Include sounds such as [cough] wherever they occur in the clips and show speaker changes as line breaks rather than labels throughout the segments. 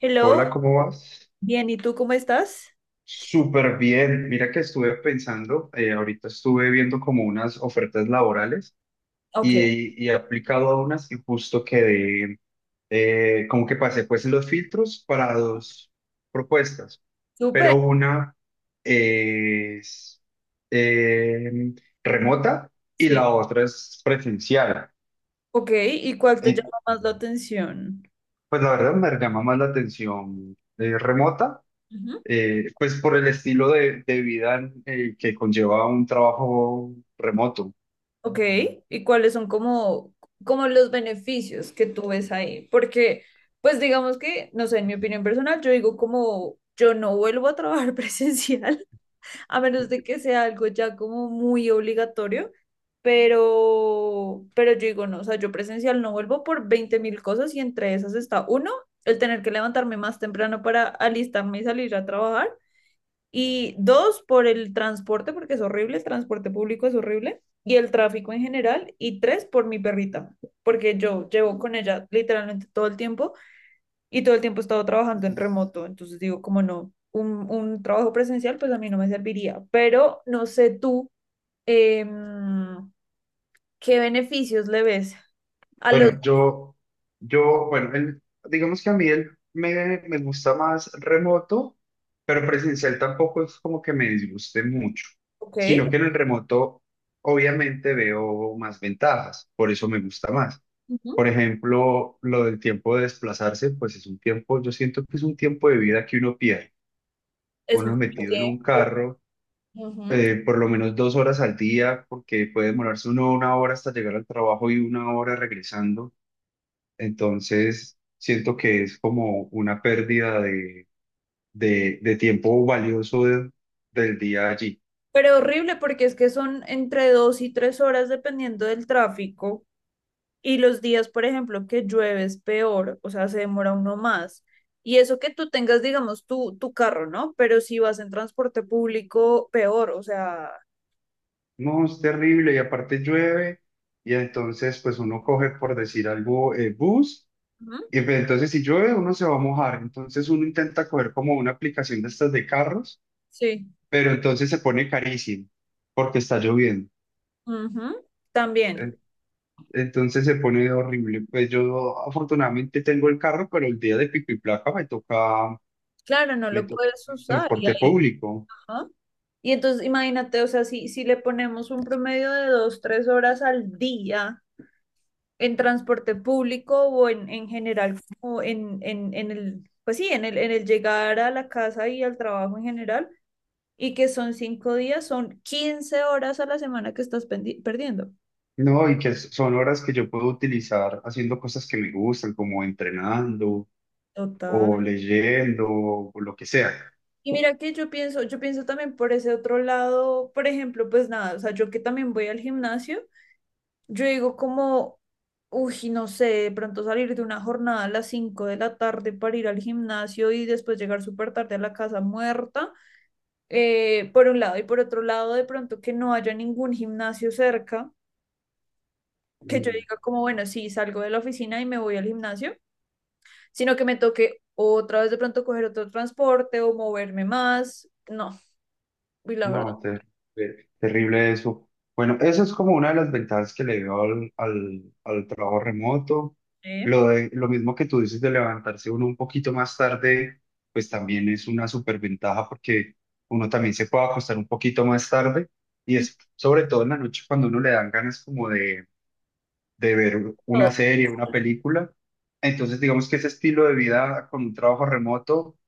Hello,
Hola, ¿cómo vas?
bien, ¿y tú cómo estás?
Súper bien. Mira que estuve pensando, ahorita estuve viendo como unas ofertas laborales
Ok,
y he aplicado a unas y justo quedé, como que pasé pues los filtros para dos propuestas,
súper,
pero una es eh, remota y
sí.
la otra es presencial.
Ok, ¿y cuál te
Eh,
llama más la atención?
pues la verdad me llama más la atención remota,
Ujú.
pues por el estilo de vida que conlleva un trabajo remoto.
Ok, ¿y cuáles son como, como los beneficios que tú ves ahí? Porque, pues digamos que, no sé, en mi opinión personal, yo digo como yo no vuelvo a trabajar [laughs] presencial a menos de que sea algo ya como muy obligatorio, pero yo digo, no, o sea, yo presencial no vuelvo por 20 mil cosas y entre esas está, uno, el tener que levantarme más temprano para alistarme y salir a trabajar, y dos, por el transporte, porque es horrible, el transporte público es horrible, y el tráfico en general, y tres, por mi perrita, porque yo llevo con ella literalmente todo el tiempo y todo el tiempo he estado trabajando en remoto, entonces digo, como no, un trabajo presencial pues a mí no me serviría, pero no sé tú em, qué beneficios le ves a los...
Bueno, bueno, digamos que a mí me gusta más remoto, pero presencial tampoco es como que me disguste mucho,
Ok,
sino que en el remoto obviamente veo más ventajas, por eso me gusta más.
ujú,
Por ejemplo, lo del tiempo de desplazarse, pues es un tiempo, yo siento que es un tiempo de vida que uno pierde.
es
Uno
mucho
es metido en un
tiempo.
carro
Ujú.
por lo menos dos horas al día, porque puede demorarse uno una hora hasta llegar al trabajo y una hora regresando. Entonces, siento que es como una pérdida de tiempo valioso del día allí.
Pero horrible porque es que son entre 2 y 3 horas dependiendo del tráfico y los días, por ejemplo, que llueve es peor, o sea, se demora uno más. Y eso que tú tengas, digamos, tu carro, ¿no? Pero si vas en transporte público, peor, o sea,
No, es terrible y aparte llueve y entonces pues uno coge, por decir algo, bus.
ujú.
Y pues, entonces si llueve uno se va a mojar, entonces uno intenta coger como una aplicación de estas de carros,
Sí.
pero entonces se pone carísimo porque está lloviendo.
Ujú, también.
Entonces se pone horrible. Pues yo afortunadamente tengo el carro, pero el día de pico y placa
Claro, no
me
lo
toca
puedes
en
usar. Y,
transporte
ahí,
público.
¿no? Y entonces imagínate, o sea, si le ponemos un promedio de dos, tres horas al día en transporte público o en general, como en el, pues sí, en el llegar a la casa y al trabajo en general, y que son 5 días, son 15 horas a la semana que estás perdiendo.
No, y que son horas que yo puedo utilizar haciendo cosas que me gustan, como entrenando
Total.
o leyendo o lo que sea.
Y mira que yo pienso también por ese otro lado, por ejemplo, pues nada, o sea, yo que también voy al gimnasio, yo digo como, uy, no sé, de pronto salir de una jornada a las 5 de la tarde para ir al gimnasio y después llegar súper tarde a la casa muerta, por un lado, y por otro lado, de pronto que no haya ningún gimnasio cerca, que yo
Mm.
diga como, bueno, sí, salgo de la oficina y me voy al gimnasio, sino que me toque otra vez de pronto coger otro transporte o moverme más, no, y la verdad,
No, terrible, terrible eso. Bueno, eso es como una de las ventajas que le veo al trabajo remoto.
¿eh?
Lo mismo que tú dices de levantarse uno un poquito más tarde, pues también es una superventaja porque uno también se puede acostar un poquito más tarde y es sobre todo en la noche cuando uno le dan ganas como de ver una
Todo.
serie, una película. Entonces, digamos que ese estilo de vida con un trabajo remoto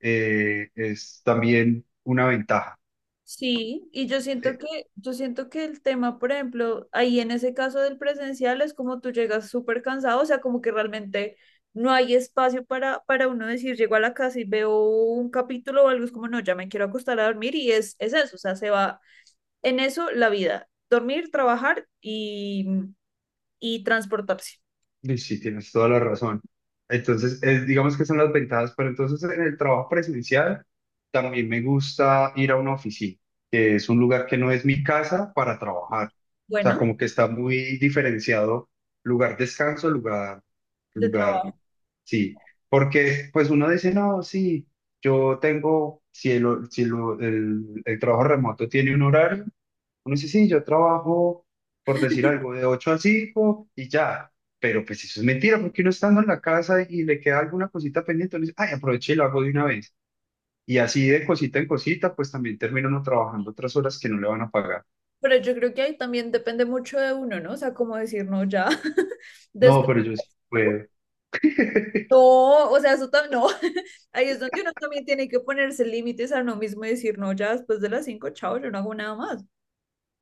es también una ventaja.
Sí, y
Eh,
yo siento que el tema, por ejemplo, ahí en ese caso del presencial es como tú llegas súper cansado, o sea, como que realmente no hay espacio para uno decir, llego a la casa y veo un capítulo o algo, es como, no, ya me quiero acostar a dormir y es eso, o sea, se va en eso la vida, dormir, trabajar y transportarse,
Y sí, tienes toda la razón. Entonces, digamos que son las ventajas, pero entonces en el trabajo presencial también me gusta ir a una oficina, que es un lugar que no es mi casa para trabajar. O sea,
bueno,
como que está muy diferenciado lugar descanso, lugar,
de
lugar,
trabajo.
sí. Porque pues uno dice, no, sí, yo tengo, si el, si el, el trabajo remoto tiene un horario, uno dice, sí, yo trabajo, por decir algo, de 8 a 5 y ya. Pero pues eso es mentira, porque uno estando en la casa y le queda alguna cosita pendiente, uno dice, ay, aproveché y lo hago de una vez. Y así de cosita en cosita, pues también termina uno trabajando otras horas que no le van a pagar.
Pero yo creo que ahí también depende mucho de uno, ¿no? O sea, como decir, no, ya, [laughs]
No,
después.
pero yo sí puedo. [laughs]
No, o sea, eso también no. [laughs] Ahí es donde uno también tiene que ponerse límites a uno mismo y decir, no, ya después de las 5, chao, yo no hago nada más.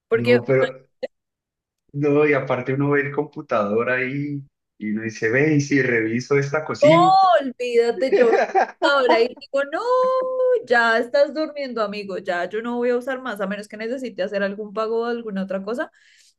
Porque
No, pero, no, y aparte uno ve el computador ahí y uno dice, ve, y si reviso esta
oh,
cosita.
olvídate, yo
[laughs]
ahora y digo, no, ya estás durmiendo, amigo, ya yo no voy a usar más, a menos que necesite hacer algún pago o alguna otra cosa,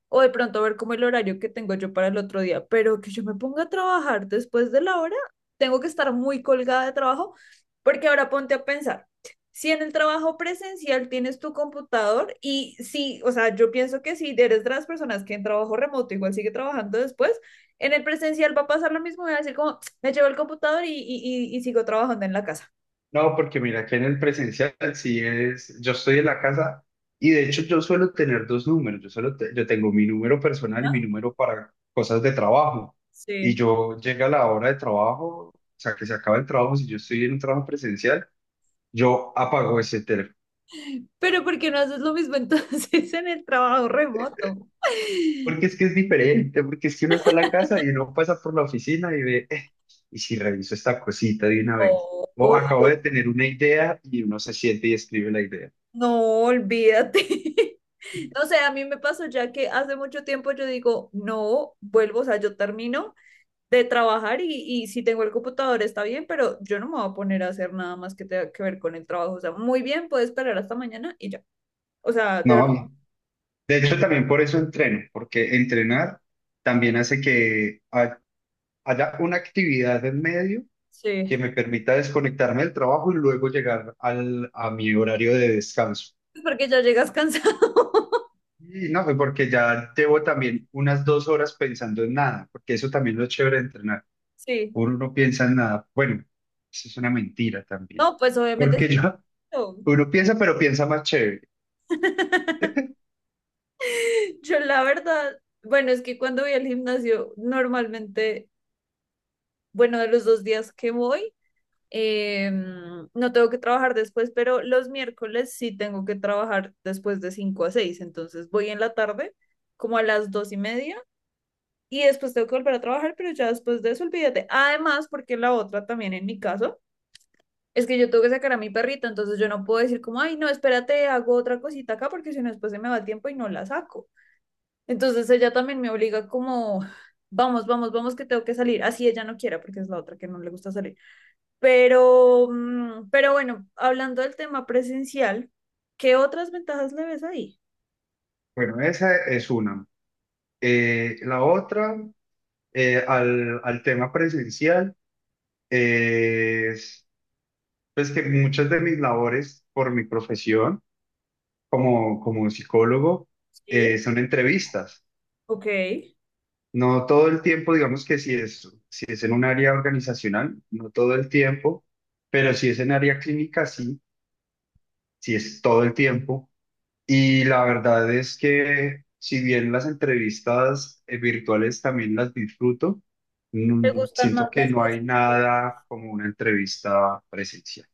o de pronto ver como el horario que tengo yo para el otro día, pero que yo me ponga a trabajar después de la hora, tengo que estar muy colgada de trabajo, porque ahora ponte a pensar. Si en el trabajo presencial tienes tu computador y si, o sea, yo pienso que si eres de las personas que en trabajo remoto igual sigue trabajando después, en el presencial va a pasar lo mismo, voy a decir como, me llevo el computador y sigo trabajando en la casa.
No, porque mira, que en el presencial sí es, yo estoy en la casa y de hecho yo suelo tener dos números, yo tengo mi número personal y mi número para cosas de trabajo. Y
Sí.
yo llega la hora de trabajo, o sea, que se acaba el trabajo, si yo estoy en un trabajo presencial, yo apago ese teléfono.
Pero ¿por qué no haces lo mismo entonces [laughs] en el trabajo remoto?
Porque es que es diferente, porque es que uno está en la casa y uno pasa por la oficina y ve, y si reviso esta cosita de una vez,
No,
o acabo de tener una idea y uno se siente y escribe la idea.
no, olvídate. [laughs] No sé, a mí me pasó ya que hace mucho tiempo yo digo, no, vuelvo, o sea, yo termino de trabajar y si tengo el computador está bien, pero yo no me voy a poner a hacer nada más que tenga que ver con el trabajo. O sea, muy bien, puedes esperar hasta mañana y ya. O sea, de verdad,
No. De hecho, también por eso entreno, porque entrenar también hace que haya una actividad en medio que
sí,
me permita desconectarme del trabajo y luego llegar a mi horario de descanso.
porque ya llegas cansado. [laughs]
Y no, pues porque ya llevo también unas dos horas pensando en nada, porque eso también es lo chévere de entrenar.
Sí.
Uno no piensa en nada. Bueno, eso es una mentira también.
No, pues obviamente
Porque
sí.
yo,
Yo,
Uno piensa, pero piensa más chévere.
[laughs] yo la verdad, bueno, es que cuando voy al gimnasio, normalmente, bueno, de los 2 días que voy, no tengo que trabajar después, pero los miércoles sí tengo que trabajar después de 5 a 6, entonces voy en la tarde, como a las 2 y media, y después tengo que volver a trabajar, pero ya después de eso, olvídate. Además, porque la otra también en mi caso. Es que yo tengo que sacar a mi perrita, entonces yo no puedo decir como, ay, no, espérate, hago otra cosita acá porque si no después se me va el tiempo y no la saco. Entonces ella también me obliga como, vamos, vamos, vamos que tengo que salir. Así ella no quiera porque es la otra que no le gusta salir. Pero, mm, pero bueno, hablando del tema presencial, ¿qué otras ventajas le ves ahí?
Bueno, esa es una. La otra, al tema presencial es pues que muchas de mis labores por mi profesión como, como psicólogo,
Sí,
son entrevistas.
ok. ¿Te
No todo el tiempo, digamos que si es en un área organizacional, no todo el tiempo, pero si es en área clínica, sí, sí es todo el tiempo. Y la verdad es que si bien las entrevistas virtuales también las disfruto,
gustan
siento
más
que
las
no
cosas?
hay nada como una entrevista presencial,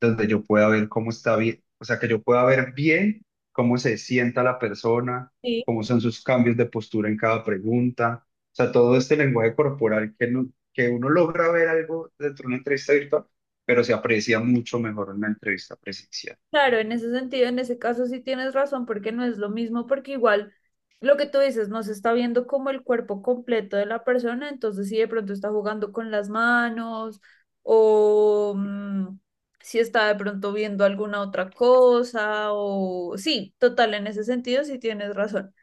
donde yo pueda ver cómo está bien, o sea, que yo pueda ver bien cómo se sienta la persona,
Sí,
cómo son sus cambios de postura en cada pregunta, o sea, todo este lenguaje corporal que, no- que uno logra ver algo dentro de una entrevista virtual, pero se aprecia mucho mejor en una entrevista presencial.
claro, en ese sentido, en ese caso sí tienes razón porque no es lo mismo porque igual... Lo que tú dices, no se está viendo como el cuerpo completo de la persona, entonces si de pronto está jugando con las manos o mm, si está de pronto viendo alguna otra cosa o sí, total, en ese sentido sí tienes razón.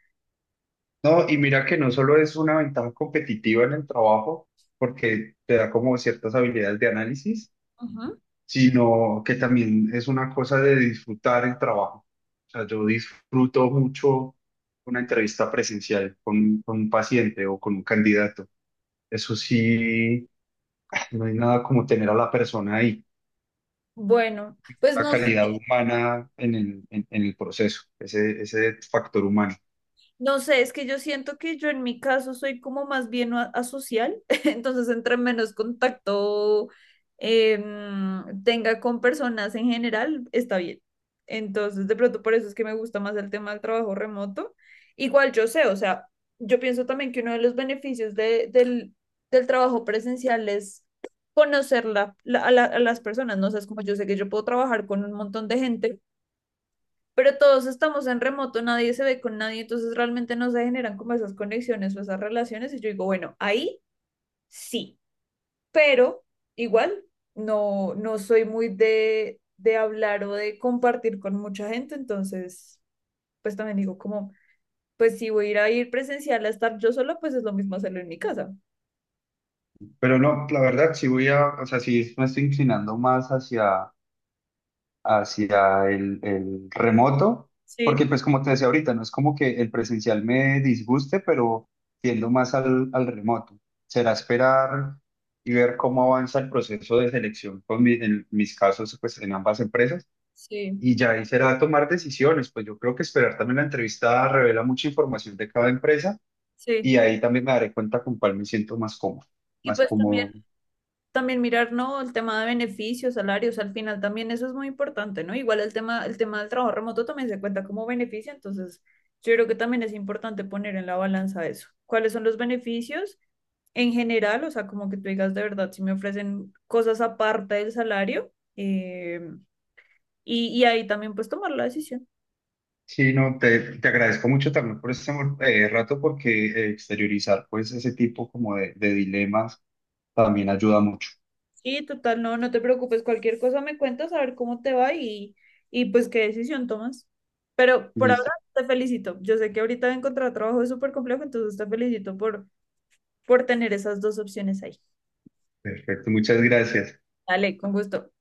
No, y mira que no solo es una ventaja competitiva en el trabajo, porque te da como ciertas habilidades de análisis,
Ujú.
sino que también es una cosa de disfrutar el trabajo. O sea, yo disfruto mucho una entrevista presencial con un paciente o con un candidato. Eso sí, no hay nada como tener a la persona ahí,
Bueno, pues
la
no,
calidad humana en el proceso, ese factor humano.
no sé, es que yo siento que yo en mi caso soy como más bien asocial, [laughs] entonces entre menos contacto tenga con personas en general, está bien. Entonces, de pronto por eso es que me gusta más el tema del trabajo remoto. Igual yo sé, o sea, yo pienso también que uno de los beneficios del del trabajo presencial es conocer a las personas, ¿no? O sea, es como yo sé que yo puedo trabajar con un montón de gente pero todos estamos en remoto, nadie se ve con nadie, entonces realmente no se generan como esas conexiones o esas relaciones. Y yo digo, bueno, ahí sí, pero igual no, no soy muy de hablar o de compartir con mucha gente, entonces pues también digo como, pues si voy a ir presencial a estar yo sola, pues es lo mismo hacerlo en mi casa.
Pero no, la verdad, o sea, sí me estoy inclinando más hacia el remoto,
Sí,
porque pues como te decía ahorita, no es como que el presencial me disguste, pero tiendo más al remoto. Será esperar y ver cómo avanza el proceso de selección con en mis casos pues en ambas empresas
sí,
y ya ahí será tomar decisiones, pues yo creo que esperar también la entrevista revela mucha información de cada empresa
sí.
y ahí también me daré cuenta con cuál me siento más cómodo,
Y
más
pues también
cómodo.
también mirar, ¿no? El tema de beneficios, salarios, al final también eso es muy importante, ¿no? Igual el tema del trabajo remoto también se cuenta como beneficio, entonces yo creo que también es importante poner en la balanza eso. ¿Cuáles son los beneficios en general? O sea, como que tú digas de verdad, si me ofrecen cosas aparte del salario, y ahí también pues tomar la decisión.
Sí, no, te agradezco mucho también por este rato porque exteriorizar pues ese tipo como de dilemas también ayuda mucho.
Sí, total, no, no te preocupes, cualquier cosa me cuentas a ver cómo te va y pues qué decisión tomas. Pero por ahora
Listo,
te felicito. Yo sé que ahorita encontrar trabajo es súper complejo, entonces te felicito por tener esas dos opciones ahí.
perfecto, muchas gracias.
Dale, con gusto.